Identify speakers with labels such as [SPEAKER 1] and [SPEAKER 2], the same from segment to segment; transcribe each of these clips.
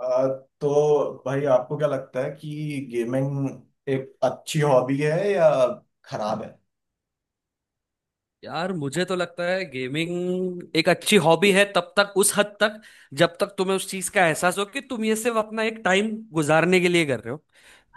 [SPEAKER 1] अ, तो भाई आपको क्या लगता है कि गेमिंग एक अच्छी हॉबी है या खराब है।
[SPEAKER 2] यार मुझे तो लगता है गेमिंग एक अच्छी हॉबी है तब तक, उस हद तक जब तक तुम्हें उस चीज का एहसास हो कि तुम ये सिर्फ अपना एक टाइम गुजारने के लिए कर रहे हो।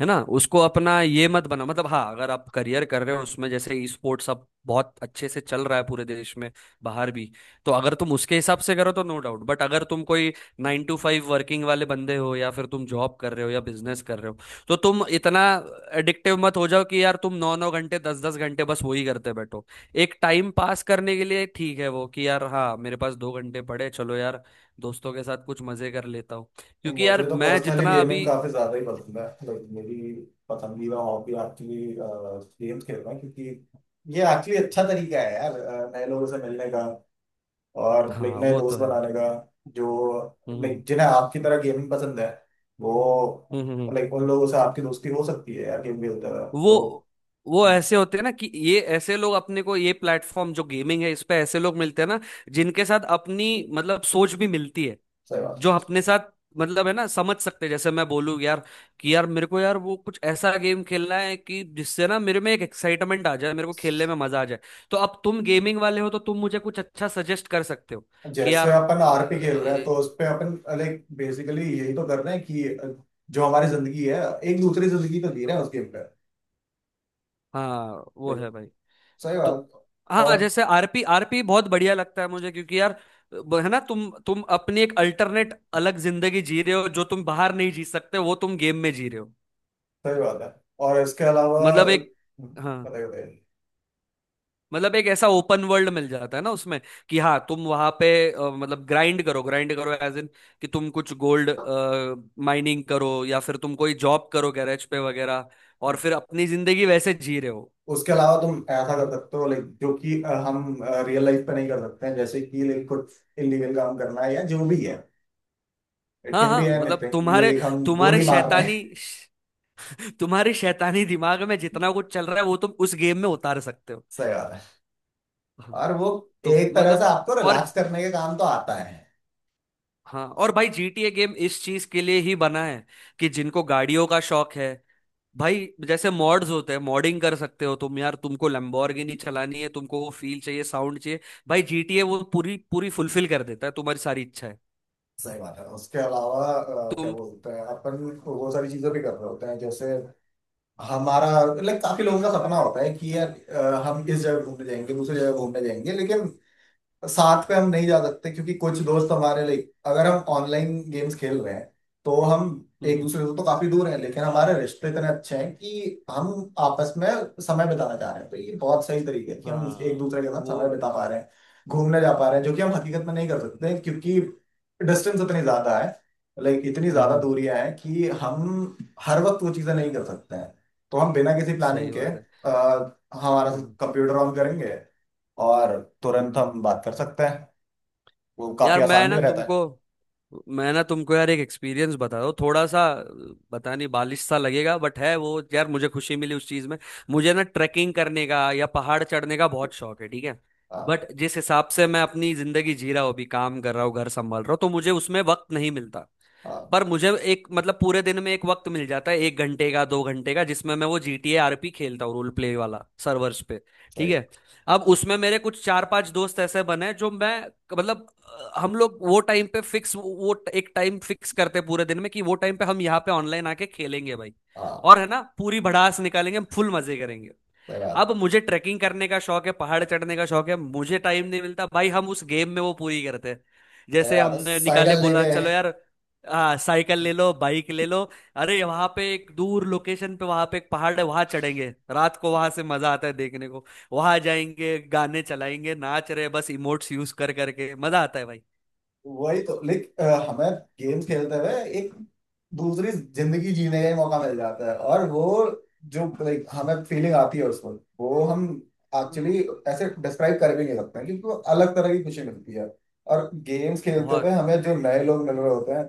[SPEAKER 2] है ना, उसको अपना ये मत बना। मतलब हाँ, अगर आप करियर कर रहे हो उसमें, जैसे ई स्पोर्ट्स अब बहुत अच्छे से चल रहा है पूरे देश में, बाहर भी। तो अगर तुम उसके हिसाब से करो तो नो डाउट। बट अगर तुम कोई नाइन टू फाइव वर्किंग वाले बंदे हो या फिर तुम जॉब कर रहे हो या बिजनेस कर रहे हो, तो तुम इतना एडिक्टिव मत हो जाओ कि यार तुम नौ नौ घंटे, दस दस घंटे बस वही करते बैठो। एक टाइम पास करने के लिए ठीक है वो कि यार हाँ, मेरे पास दो घंटे पड़े, चलो यार दोस्तों के साथ कुछ मजे कर लेता हूँ।
[SPEAKER 1] नहीं,
[SPEAKER 2] क्योंकि
[SPEAKER 1] मुझे
[SPEAKER 2] यार
[SPEAKER 1] तो
[SPEAKER 2] मैं
[SPEAKER 1] पर्सनली
[SPEAKER 2] जितना
[SPEAKER 1] गेमिंग
[SPEAKER 2] अभी।
[SPEAKER 1] काफी ज्यादा ही पसंद है। लाइक मेरी पसंदीदा हॉबी एक्चुअली गेम्स खेलना, क्योंकि ये एक्चुअली अच्छा तरीका है यार नए लोगों से मिलने का और लाइक
[SPEAKER 2] हाँ,
[SPEAKER 1] नए
[SPEAKER 2] वो तो
[SPEAKER 1] दोस्त
[SPEAKER 2] है।
[SPEAKER 1] बनाने का। जो
[SPEAKER 2] हम्म।
[SPEAKER 1] लाइक
[SPEAKER 2] हम्म।
[SPEAKER 1] जिन्हें आपकी तरह गेमिंग पसंद है, वो
[SPEAKER 2] हम्म।
[SPEAKER 1] लाइक उन लोगों से आपकी दोस्ती हो सकती है यार गेम खेलते हुए। तो
[SPEAKER 2] वो वो ऐसे होते हैं ना कि ये ऐसे लोग, अपने को ये प्लेटफॉर्म जो गेमिंग है, इस पे ऐसे लोग मिलते हैं ना जिनके साथ अपनी, मतलब सोच भी मिलती है।
[SPEAKER 1] सही बात
[SPEAKER 2] जो
[SPEAKER 1] है।
[SPEAKER 2] अपने साथ, मतलब है ना, समझ सकते हैं। जैसे मैं बोलूँ यार कि यार मेरे को यार वो कुछ ऐसा गेम खेलना है कि जिससे ना मेरे में एक एक्साइटमेंट आ जाए, मेरे को खेलने में मजा आ जाए। तो अब तुम गेमिंग वाले हो तो तुम मुझे कुछ अच्छा सजेस्ट कर सकते हो कि
[SPEAKER 1] जैसे
[SPEAKER 2] यार।
[SPEAKER 1] अपन आरपी खेल रहे हैं तो उस पे अपन लाइक बेसिकली यही तो कर रहे हैं कि जो हमारी जिंदगी है, एक दूसरी जिंदगी तो जी रहे हैं उस गेम पे।
[SPEAKER 2] हाँ वो है भाई।
[SPEAKER 1] सही
[SPEAKER 2] तो
[SPEAKER 1] बात।
[SPEAKER 2] हाँ,
[SPEAKER 1] और
[SPEAKER 2] जैसे आरपी आरपी बहुत बढ़िया लगता है मुझे, क्योंकि यार है ना, तुम अपनी एक अल्टरनेट अलग जिंदगी जी रहे हो जो तुम बाहर नहीं जी सकते, वो तुम गेम में जी रहे हो।
[SPEAKER 1] सही बात है। और इसके अलावा
[SPEAKER 2] मतलब एक। हाँ,
[SPEAKER 1] बताइए बताइए।
[SPEAKER 2] मतलब एक ऐसा ओपन वर्ल्ड मिल जाता है ना उसमें, कि हाँ तुम वहां पे मतलब ग्राइंड करो, ग्राइंड करो, एज इन कि तुम कुछ गोल्ड माइनिंग करो या फिर तुम कोई जॉब करो, गैरेज पे वगैरह, और फिर अपनी जिंदगी वैसे जी रहे हो।
[SPEAKER 1] उसके अलावा तुम ऐसा कर सकते हो लाइक जो कि हम रियल लाइफ पे नहीं कर सकते हैं। जैसे कि लाइक कुछ इलीगल काम करना है या जो भी है। इट
[SPEAKER 2] हाँ
[SPEAKER 1] कैन बी
[SPEAKER 2] हाँ, मतलब
[SPEAKER 1] एनीथिंग,
[SPEAKER 2] तुम्हारे
[SPEAKER 1] लाइक हम
[SPEAKER 2] तुम्हारे
[SPEAKER 1] गोली मार रहे हैं।
[SPEAKER 2] शैतानी तुम्हारे शैतानी दिमाग में जितना कुछ चल रहा है वो तुम उस गेम में उतार सकते हो।
[SPEAKER 1] सही बात है।
[SPEAKER 2] हाँ,
[SPEAKER 1] और वो
[SPEAKER 2] तो
[SPEAKER 1] एक तरह से
[SPEAKER 2] मतलब।
[SPEAKER 1] आपको
[SPEAKER 2] और
[SPEAKER 1] रिलैक्स करने के काम तो आता है।
[SPEAKER 2] हाँ, और भाई जीटीए गेम इस चीज के लिए ही बना है, कि जिनको गाड़ियों का शौक है, भाई जैसे मॉड्स होते हैं, मॉडिंग कर सकते हो तुम यार, तुमको लैम्बोर्गिनी चलानी है, तुमको वो फील चाहिए, साउंड चाहिए। भाई जीटीए वो पूरी पूरी फुलफिल कर देता है तुम्हारी सारी इच्छा है।
[SPEAKER 1] सही बात है। उसके अलावा क्या
[SPEAKER 2] तुम।
[SPEAKER 1] बोलते हैं अपन, वो सारी चीजें भी कर रहे होते हैं। जैसे हमारा लाइक काफी लोगों का सपना होता है कि यार हम इस जगह घूमने जाएंगे, दूसरी जगह घूमने जाएंगे, लेकिन साथ पे हम नहीं जा सकते, क्योंकि कुछ दोस्त हमारे लाइक अगर हम ऑनलाइन गेम्स खेल रहे हैं तो हम एक
[SPEAKER 2] हम्म,
[SPEAKER 1] दूसरे से तो काफी दूर हैं, लेकिन हमारे रिश्ते इतने अच्छे हैं कि हम आपस में समय बिताना चाह रहे हैं। तो ये बहुत सही तरीका है कि हम एक
[SPEAKER 2] हाँ।
[SPEAKER 1] दूसरे के साथ समय
[SPEAKER 2] वो।
[SPEAKER 1] बिता पा रहे हैं, घूमने जा पा रहे हैं, जो कि हम हकीकत में नहीं कर सकते, क्योंकि डिस्टेंस इतनी ज्यादा है। लाइक इतनी ज्यादा
[SPEAKER 2] हम्म।
[SPEAKER 1] दूरियां हैं कि हम हर वक्त वो चीजें नहीं कर सकते हैं। तो हम बिना किसी प्लानिंग
[SPEAKER 2] सही
[SPEAKER 1] के
[SPEAKER 2] बात है।
[SPEAKER 1] हमारा
[SPEAKER 2] हम्म।
[SPEAKER 1] कंप्यूटर ऑन करेंगे और तुरंत
[SPEAKER 2] हम्म।
[SPEAKER 1] हम बात कर सकते हैं। वो काफी
[SPEAKER 2] यार मैं
[SPEAKER 1] आसान
[SPEAKER 2] ना
[SPEAKER 1] भी रहता
[SPEAKER 2] तुमको
[SPEAKER 1] है।
[SPEAKER 2] मैं ना तुमको यार एक एक्सपीरियंस बता दो थोड़ा सा। पता नहीं बालिश सा लगेगा बट है वो, यार मुझे खुशी मिली उस चीज में। मुझे ना ट्रैकिंग करने का या पहाड़ चढ़ने का बहुत शौक है, ठीक है।
[SPEAKER 1] हाँ
[SPEAKER 2] बट जिस हिसाब से मैं अपनी जिंदगी जी रहा हूँ, अभी काम कर रहा हूँ, घर संभाल रहा हूँ, तो मुझे उसमें वक्त नहीं मिलता।
[SPEAKER 1] हाँ।
[SPEAKER 2] पर मुझे एक, मतलब पूरे दिन में एक वक्त मिल जाता है, एक घंटे का, दो घंटे का, जिसमें मैं वो GTA आरपी खेलता हूँ, रोल प्ले वाला सर्वर्स पे। ठीक
[SPEAKER 1] सही।
[SPEAKER 2] है। अब उसमें मेरे कुछ चार पांच दोस्त ऐसे बने हैं जो मैं, मतलब हम लोग वो टाइम पे फिक्स, एक टाइम फिक्स करते हैं पूरे दिन में, कि वो टाइम पे हम यहाँ पे ऑनलाइन आके खेलेंगे भाई, और
[SPEAKER 1] हाँ,
[SPEAKER 2] है ना, पूरी भड़ास निकालेंगे, हम फुल मजे करेंगे।
[SPEAKER 1] सही बात है।
[SPEAKER 2] अब मुझे ट्रैकिंग करने का शौक है, पहाड़ चढ़ने का शौक है, मुझे टाइम नहीं मिलता भाई, हम उस गेम में वो पूरी करते हैं।
[SPEAKER 1] सही
[SPEAKER 2] जैसे
[SPEAKER 1] बात है,
[SPEAKER 2] हमने निकाले,
[SPEAKER 1] साइकिल
[SPEAKER 2] बोला
[SPEAKER 1] लेके।
[SPEAKER 2] चलो यार, साइकिल ले लो, बाइक ले लो, अरे वहां पे एक दूर लोकेशन पे, वहां पे एक पहाड़ है, वहां चढ़ेंगे रात को, वहां से मजा आता है देखने को, वहां जाएंगे, गाने चलाएंगे, नाच रहे बस, इमोट्स यूज कर करके मजा आता है भाई।
[SPEAKER 1] वही तो लाइक हमें गेम खेलते हुए एक दूसरी जिंदगी जीने का ही मौका मिल जाता है। और वो जो लाइक हमें फीलिंग आती है उसको वो हम
[SPEAKER 2] हाँ।
[SPEAKER 1] एक्चुअली ऐसे डिस्क्राइब कर भी नहीं सकते हैं, क्योंकि वो अलग तरह की खुशी मिलती है। और गेम्स खेलते हुए
[SPEAKER 2] बहुत।
[SPEAKER 1] हमें जो नए लोग मिल रहे होते हैं,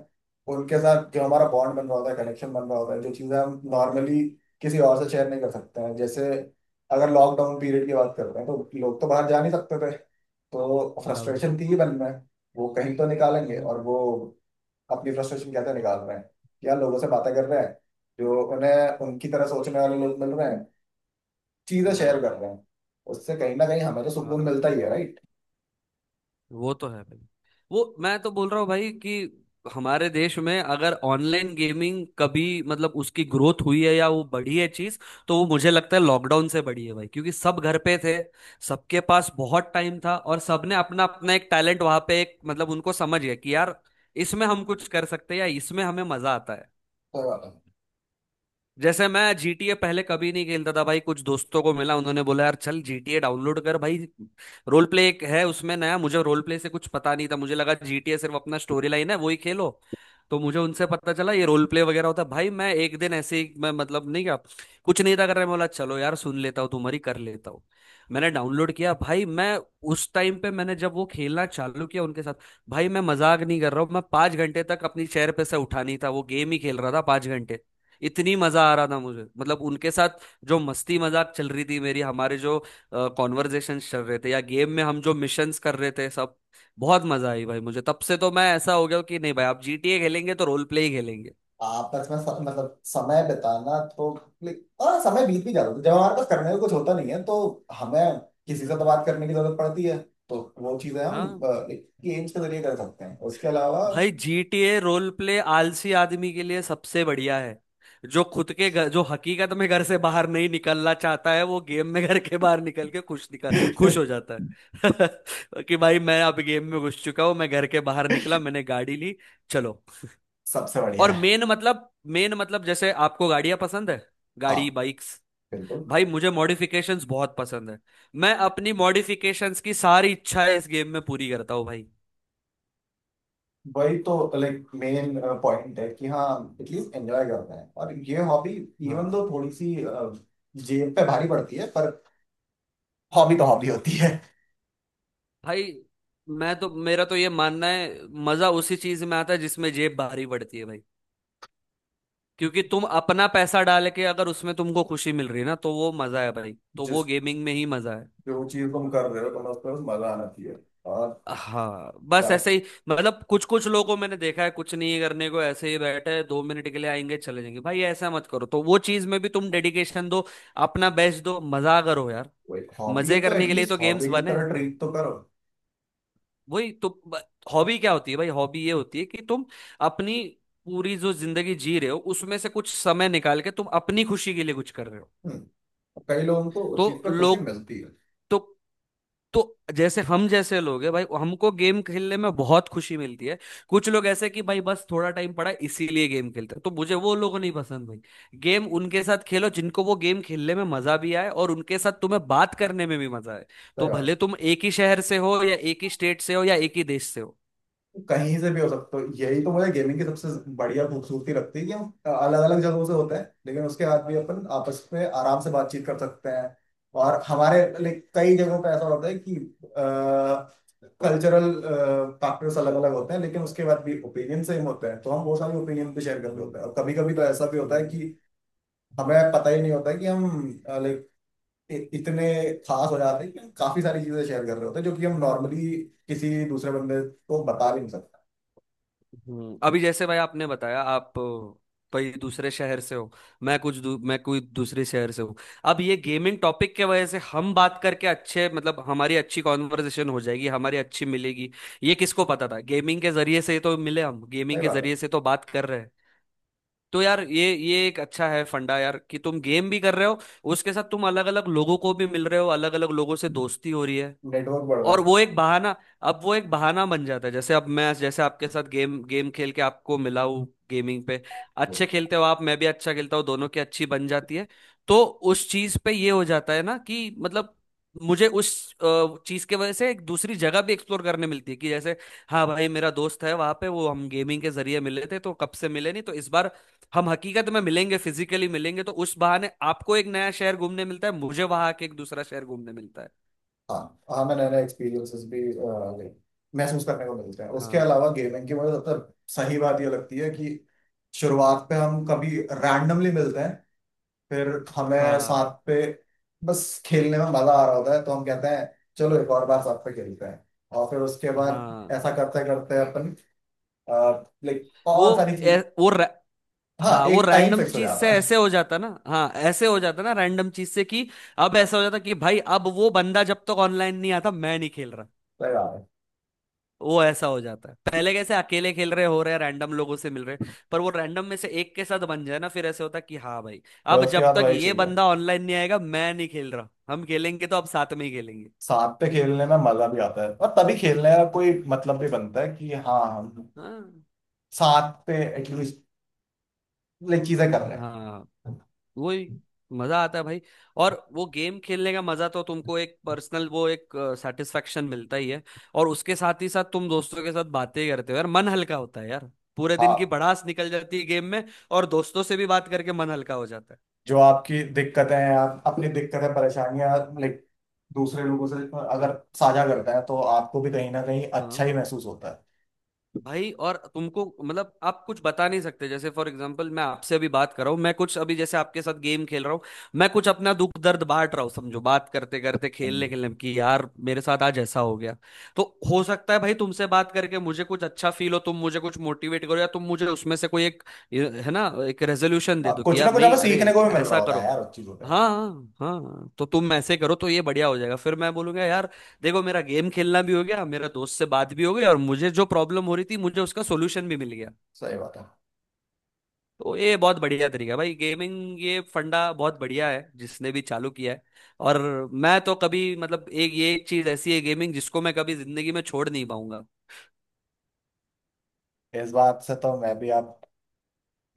[SPEAKER 1] उनके साथ जो हमारा बॉन्ड बन रहा होता है, कनेक्शन बन रहा होता है, जो चीज़ें हम नॉर्मली किसी और से शेयर नहीं कर सकते हैं। जैसे अगर लॉकडाउन पीरियड की बात करते हैं तो लोग तो बाहर जा नहीं सकते थे। तो
[SPEAKER 2] बराबर।
[SPEAKER 1] फ्रस्ट्रेशन थी ही मन में। वो कहीं तो निकालेंगे।
[SPEAKER 2] हम्म।
[SPEAKER 1] और वो अपनी फ्रस्ट्रेशन कैसे निकाल रहे हैं, या लोगों से बातें कर रहे हैं, जो उन्हें उनकी तरह सोचने वाले लोग मिल रहे हैं, चीजें
[SPEAKER 2] हम्म,
[SPEAKER 1] शेयर कर रहे हैं। उससे कहीं ना कहीं हमें तो सुकून
[SPEAKER 2] हाँ
[SPEAKER 1] मिलता ही है, राइट।
[SPEAKER 2] वो तो है भाई। वो मैं तो बोल रहा हूँ भाई कि हमारे देश में अगर ऑनलाइन गेमिंग कभी, मतलब उसकी ग्रोथ हुई है या वो बढ़ी है चीज, तो वो मुझे लगता है लॉकडाउन से बढ़ी है भाई, क्योंकि सब घर पे थे, सबके पास बहुत टाइम था, और सबने अपना अपना एक टैलेंट वहां पे, एक मतलब उनको समझ गया कि यार इसमें हम कुछ कर सकते हैं या इसमें हमें मजा आता है।
[SPEAKER 1] सही बात है।
[SPEAKER 2] जैसे मैं जीटीए पहले कभी नहीं खेलता था भाई, कुछ दोस्तों को मिला, उन्होंने बोला यार चल जीटीए डाउनलोड कर भाई, रोल प्ले एक है उसमें, नया मुझे, रोल प्ले से कुछ पता नहीं था, मुझे लगा जीटीए सिर्फ अपना स्टोरी लाइन है, वही खेलो। तो मुझे उनसे पता चला ये रोल प्ले वगैरह होता है भाई, मैं एक दिन ऐसे ही, मैं मतलब नहीं, क्या कुछ नहीं था कर रहा मैं, बोला चलो यार सुन लेता हूँ तुम्हारी, कर लेता हूँ। मैंने डाउनलोड किया भाई, मैं उस टाइम पे मैंने जब वो खेलना चालू किया उनके साथ, भाई मैं मजाक नहीं कर रहा हूँ, मैं पांच घंटे तक अपनी चेयर पे से उठा नहीं था, वो गेम ही खेल रहा था पांच घंटे। इतनी मजा आ रहा था मुझे, मतलब उनके साथ जो मस्ती मजाक चल रही थी मेरी, हमारे जो कॉन्वर्जेशन चल रहे थे, या गेम में हम जो मिशंस कर रहे थे, सब बहुत मजा आई भाई मुझे, तब से तो मैं ऐसा हो गया हूँ कि नहीं भाई, आप जीटीए खेलेंगे तो रोल प्ले ही खेलेंगे।
[SPEAKER 1] आपस में मतलब समय बिताना तो like, हाँ समय बीत भी जाता है जब हमारे पास करने को कुछ होता नहीं है। तो हमें किसी से तो बात करने की जरूरत पड़ती है। तो वो चीजें
[SPEAKER 2] ना।
[SPEAKER 1] हम गेम्स के जरिए कर सकते हैं। उसके अलावा
[SPEAKER 2] भाई जीटीए रोल प्ले आलसी आदमी के लिए सबसे बढ़िया है। जो खुद के घर, जो हकीकत में घर से बाहर नहीं निकलना चाहता है, वो गेम में घर के बाहर निकल के खुश, निकल खुश हो जाता है कि भाई मैं अब गेम में घुस चुका हूँ, मैं घर के बाहर निकला, मैंने गाड़ी ली, चलो।
[SPEAKER 1] सबसे बढ़िया
[SPEAKER 2] और
[SPEAKER 1] है।
[SPEAKER 2] मेन मतलब, मेन मतलब जैसे आपको गाड़ियां पसंद है,
[SPEAKER 1] हाँ
[SPEAKER 2] गाड़ी, बाइक्स।
[SPEAKER 1] बिल्कुल।
[SPEAKER 2] भाई मुझे मॉडिफिकेशंस बहुत पसंद है, मैं अपनी मॉडिफिकेशंस की सारी इच्छाएं इस गेम में पूरी करता हूँ भाई।
[SPEAKER 1] वही तो लाइक मेन पॉइंट है कि हाँ, एटलीस्ट एंजॉय करते हैं। और ये हॉबी इवन
[SPEAKER 2] हाँ।
[SPEAKER 1] दो थोड़ी सी जेब पे भारी पड़ती है, पर हॉबी तो हॉबी होती है।
[SPEAKER 2] भाई मैं तो, मेरा तो ये मानना है, मजा उसी चीज में आता है जिसमें जेब भारी पड़ती है भाई, क्योंकि तुम अपना पैसा डाल के अगर उसमें तुमको खुशी मिल रही है ना, तो वो मजा है भाई, तो वो
[SPEAKER 1] जिस
[SPEAKER 2] गेमिंग में ही मजा है।
[SPEAKER 1] जो चीज तुम कर रहे हो, तुम्हें उस पर मजा आना चाहिए। और
[SPEAKER 2] हाँ, बस ऐसे
[SPEAKER 1] बस
[SPEAKER 2] ही, मतलब कुछ कुछ लोगों को मैंने देखा है कुछ नहीं करने को ऐसे ही बैठे, दो मिनट के लिए आएंगे चले जाएंगे, भाई ऐसा मत करो, तो वो चीज में भी तुम डेडिकेशन दो, अपना बेस्ट दो, मजा करो यार।
[SPEAKER 1] वो एक हॉबी है
[SPEAKER 2] मजे
[SPEAKER 1] तो
[SPEAKER 2] करने के लिए तो
[SPEAKER 1] एटलीस्ट
[SPEAKER 2] गेम्स
[SPEAKER 1] हॉबी की
[SPEAKER 2] बने।
[SPEAKER 1] तरह ट्रीट तो करो।
[SPEAKER 2] वही तो। हॉबी क्या होती है भाई, हॉबी ये होती है कि तुम अपनी पूरी जो जिंदगी जी रहे हो उसमें से कुछ समय निकाल के तुम अपनी खुशी के लिए कुछ कर रहे हो।
[SPEAKER 1] हम्म। कई लोगों को उस चीज
[SPEAKER 2] तो
[SPEAKER 1] पर खुशी
[SPEAKER 2] लोग,
[SPEAKER 1] मिलती है।
[SPEAKER 2] तो तो जैसे हम जैसे लोग हैं भाई, हमको गेम खेलने में बहुत खुशी मिलती है। कुछ लोग ऐसे कि भाई बस थोड़ा टाइम पड़ा है, इसीलिए गेम खेलते हैं, तो मुझे वो लोग नहीं पसंद भाई। गेम उनके साथ खेलो जिनको वो गेम खेलने में मजा भी आए, और उनके साथ तुम्हें बात करने में भी मजा आए। तो
[SPEAKER 1] सही बात
[SPEAKER 2] भले
[SPEAKER 1] है।
[SPEAKER 2] तुम एक ही शहर से हो या एक ही स्टेट से हो या एक ही देश से हो।
[SPEAKER 1] कहीं से भी हो सकते हो, यही तो मुझे गेमिंग की सबसे बढ़िया खूबसूरती लगती है कि हम अलग अलग जगहों से होते हैं, लेकिन उसके बाद भी अपन आपस में आराम से बातचीत कर सकते हैं। और हमारे लाइक कई जगहों पे ऐसा होता है कि कल्चरल फैक्टर्स अलग अलग होते हैं, लेकिन उसके बाद भी ओपिनियन सेम होते हैं। तो हम वो सारे ओपिनियन भी शेयर करते
[SPEAKER 2] हम्म,
[SPEAKER 1] होते हैं। और कभी कभी तो ऐसा भी होता है
[SPEAKER 2] हम्म।
[SPEAKER 1] कि हमें पता ही नहीं होता कि हम लाइक इतने खास हो जाते हैं कि हम काफी सारी चीजें शेयर कर रहे होते हैं, जो कि हम नॉर्मली किसी दूसरे बंदे को बता भी नहीं सकते।
[SPEAKER 2] अभी जैसे भाई आपने बताया आप कोई दूसरे शहर से हो, मैं मैं कोई दूसरे शहर से हूँ, अब ये गेमिंग टॉपिक के वजह से हम बात करके अच्छे, मतलब हमारी अच्छी कॉन्वर्सेशन हो जाएगी, हमारी अच्छी मिलेगी। ये किसको पता था, गेमिंग के जरिए से तो मिले हम,
[SPEAKER 1] सही
[SPEAKER 2] गेमिंग के
[SPEAKER 1] बात है।
[SPEAKER 2] जरिए से तो बात कर रहे हैं। तो यार ये एक अच्छा है फंडा यार, कि तुम गेम भी कर रहे हो, उसके साथ तुम अलग अलग लोगों को भी मिल रहे हो, अलग अलग लोगों से दोस्ती हो रही है,
[SPEAKER 1] नेटवर्क बढ़
[SPEAKER 2] और
[SPEAKER 1] रहा
[SPEAKER 2] वो एक बहाना अब वो एक बहाना बन जाता है, जैसे अब मैं जैसे आपके साथ गेम गेम खेल के आपको मिला हूँ गेमिंग पे,
[SPEAKER 1] है।
[SPEAKER 2] अच्छे खेलते हो आप, मैं भी अच्छा खेलता हूँ, दोनों की अच्छी बन जाती है। तो उस चीज पे ये हो जाता है ना, कि मतलब मुझे उस चीज के वजह से एक दूसरी जगह भी एक्सप्लोर करने मिलती है, कि जैसे हाँ भाई मेरा दोस्त है वहां पे, वो हम गेमिंग के जरिए मिले थे, तो कब से मिले नहीं, तो इस बार हम हकीकत में मिलेंगे, फिजिकली मिलेंगे, तो उस बहाने आपको एक नया शहर घूमने मिलता है, मुझे वहां के, एक दूसरा शहर घूमने मिलता है।
[SPEAKER 1] हाँ हाँ, मैं नए नए एक्सपीरियंसेस भी like, महसूस करने को मिलते हैं। उसके
[SPEAKER 2] हाँ,
[SPEAKER 1] अलावा गेमिंग की मुझे सबसे सही बात ये लगती है कि शुरुआत पे हम कभी रैंडमली मिलते हैं। फिर हमें
[SPEAKER 2] हाँ,
[SPEAKER 1] साथ पे बस खेलने में मजा आ रहा होता है तो हम कहते हैं चलो एक और बार साथ पे खेलते हैं। और फिर उसके बाद
[SPEAKER 2] हाँ।
[SPEAKER 1] ऐसा करते करते अपन लाइक
[SPEAKER 2] वो।
[SPEAKER 1] और सारी
[SPEAKER 2] ए,
[SPEAKER 1] चीज।
[SPEAKER 2] वो रै-
[SPEAKER 1] हाँ,
[SPEAKER 2] हाँ वो
[SPEAKER 1] एक टाइम
[SPEAKER 2] रैंडम
[SPEAKER 1] फिक्स हो
[SPEAKER 2] चीज से
[SPEAKER 1] जाता है।
[SPEAKER 2] ऐसे हो जाता ना, हाँ ऐसे हो जाता ना रैंडम चीज से, कि अब ऐसा हो जाता कि भाई अब वो बंदा जब तक ऑनलाइन नहीं आता, मैं नहीं खेल रहा।
[SPEAKER 1] सही बात है।
[SPEAKER 2] वो ऐसा हो जाता है, पहले कैसे अकेले खेल रहे हो रहे, रैंडम लोगों से मिल रहे, पर वो रैंडम में से एक के साथ बन जाए ना, फिर ऐसे होता कि हाँ भाई,
[SPEAKER 1] फिर
[SPEAKER 2] अब
[SPEAKER 1] उसके
[SPEAKER 2] जब
[SPEAKER 1] बाद
[SPEAKER 2] तक
[SPEAKER 1] वही
[SPEAKER 2] ये
[SPEAKER 1] चाहिए।
[SPEAKER 2] बंदा ऑनलाइन नहीं आएगा मैं नहीं खेल रहा, हम खेलेंगे तो अब साथ में ही खेलेंगे।
[SPEAKER 1] साथ पे खेलने में मजा भी आता है और तभी खेलने का कोई
[SPEAKER 2] हम्म,
[SPEAKER 1] मतलब भी बनता है कि हाँ हम
[SPEAKER 2] हाँ,
[SPEAKER 1] साथ पे एटलीस्ट लाइक चीजें कर रहे
[SPEAKER 2] हाँ।
[SPEAKER 1] हैं।
[SPEAKER 2] वही मजा आता है भाई। और वो गेम खेलने का मजा तो तुमको एक पर्सनल वो एक सेटिस्फेक्शन मिलता ही है, और उसके साथ ही साथ तुम दोस्तों के साथ बातें करते हो यार, मन हल्का होता है यार, पूरे दिन की
[SPEAKER 1] हाँ,
[SPEAKER 2] भड़ास निकल जाती है गेम में, और दोस्तों से भी बात करके मन हल्का हो जाता है।
[SPEAKER 1] जो आपकी दिक्कतें हैं, आप अपनी दिक्कतें परेशानियां लाइक दूसरे लोगों से अगर साझा करते हैं तो आपको भी कहीं ना कहीं अच्छा ही
[SPEAKER 2] हाँ।
[SPEAKER 1] महसूस होता है।
[SPEAKER 2] भाई और तुमको, मतलब आप कुछ बता नहीं सकते, जैसे फॉर एग्जांपल मैं आपसे अभी बात कर रहा हूँ, मैं कुछ अभी जैसे आपके साथ गेम खेल रहा हूँ, मैं कुछ अपना दुख दर्द बांट रहा हूँ, समझो बात करते करते, खेलने खेलने में कि यार मेरे साथ आज ऐसा हो गया, तो हो सकता है भाई तुमसे बात करके मुझे कुछ अच्छा फील हो, तुम मुझे कुछ मोटिवेट करो, या तुम मुझे उसमें से कोई एक, ये है ना, एक रेजोल्यूशन दे
[SPEAKER 1] हाँ,
[SPEAKER 2] दो कि
[SPEAKER 1] कुछ ना
[SPEAKER 2] यार
[SPEAKER 1] कुछ हमें
[SPEAKER 2] नहीं अरे
[SPEAKER 1] सीखने को भी मिल रहा
[SPEAKER 2] ऐसा
[SPEAKER 1] होता है
[SPEAKER 2] करो।
[SPEAKER 1] यार उस चीजों पे।
[SPEAKER 2] हाँ हाँ, तो तुम ऐसे करो तो ये बढ़िया हो जाएगा, फिर मैं बोलूंगा यार देखो, मेरा गेम खेलना भी हो गया, मेरा दोस्त से बात भी हो गई, और मुझे जो प्रॉब्लम हो रही थी मुझे उसका सोल्यूशन भी मिल गया।
[SPEAKER 1] सही बात है।
[SPEAKER 2] तो ये बहुत बढ़िया तरीका है भाई गेमिंग, ये फंडा बहुत बढ़िया है जिसने भी चालू किया है। और मैं तो कभी, मतलब एक ये एक चीज ऐसी है गेमिंग जिसको मैं कभी जिंदगी में छोड़ नहीं पाऊंगा।
[SPEAKER 1] इस बात से तो मैं भी आप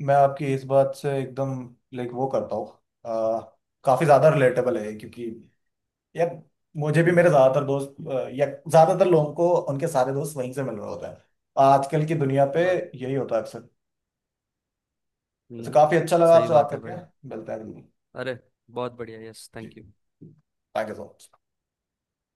[SPEAKER 1] मैं आपकी इस बात से एकदम लाइक वो करता हूँ। अ, काफी ज्यादा रिलेटेबल है ये, क्योंकि यार मुझे भी मेरे
[SPEAKER 2] हम्म।
[SPEAKER 1] ज्यादातर दोस्त या ज्यादातर लोगों को उनके सारे दोस्त वहीं से मिल रहे होते हैं। आजकल की दुनिया पे
[SPEAKER 2] बस।
[SPEAKER 1] यही होता है अक्सर। तो
[SPEAKER 2] हम्म।
[SPEAKER 1] काफी अच्छा लगा
[SPEAKER 2] सही
[SPEAKER 1] आपसे बात
[SPEAKER 2] बात है
[SPEAKER 1] करके।
[SPEAKER 2] भाई।
[SPEAKER 1] मिलते हैं।
[SPEAKER 2] अरे बहुत बढ़िया, यस
[SPEAKER 1] जी,
[SPEAKER 2] thank you.
[SPEAKER 1] Thank you so much.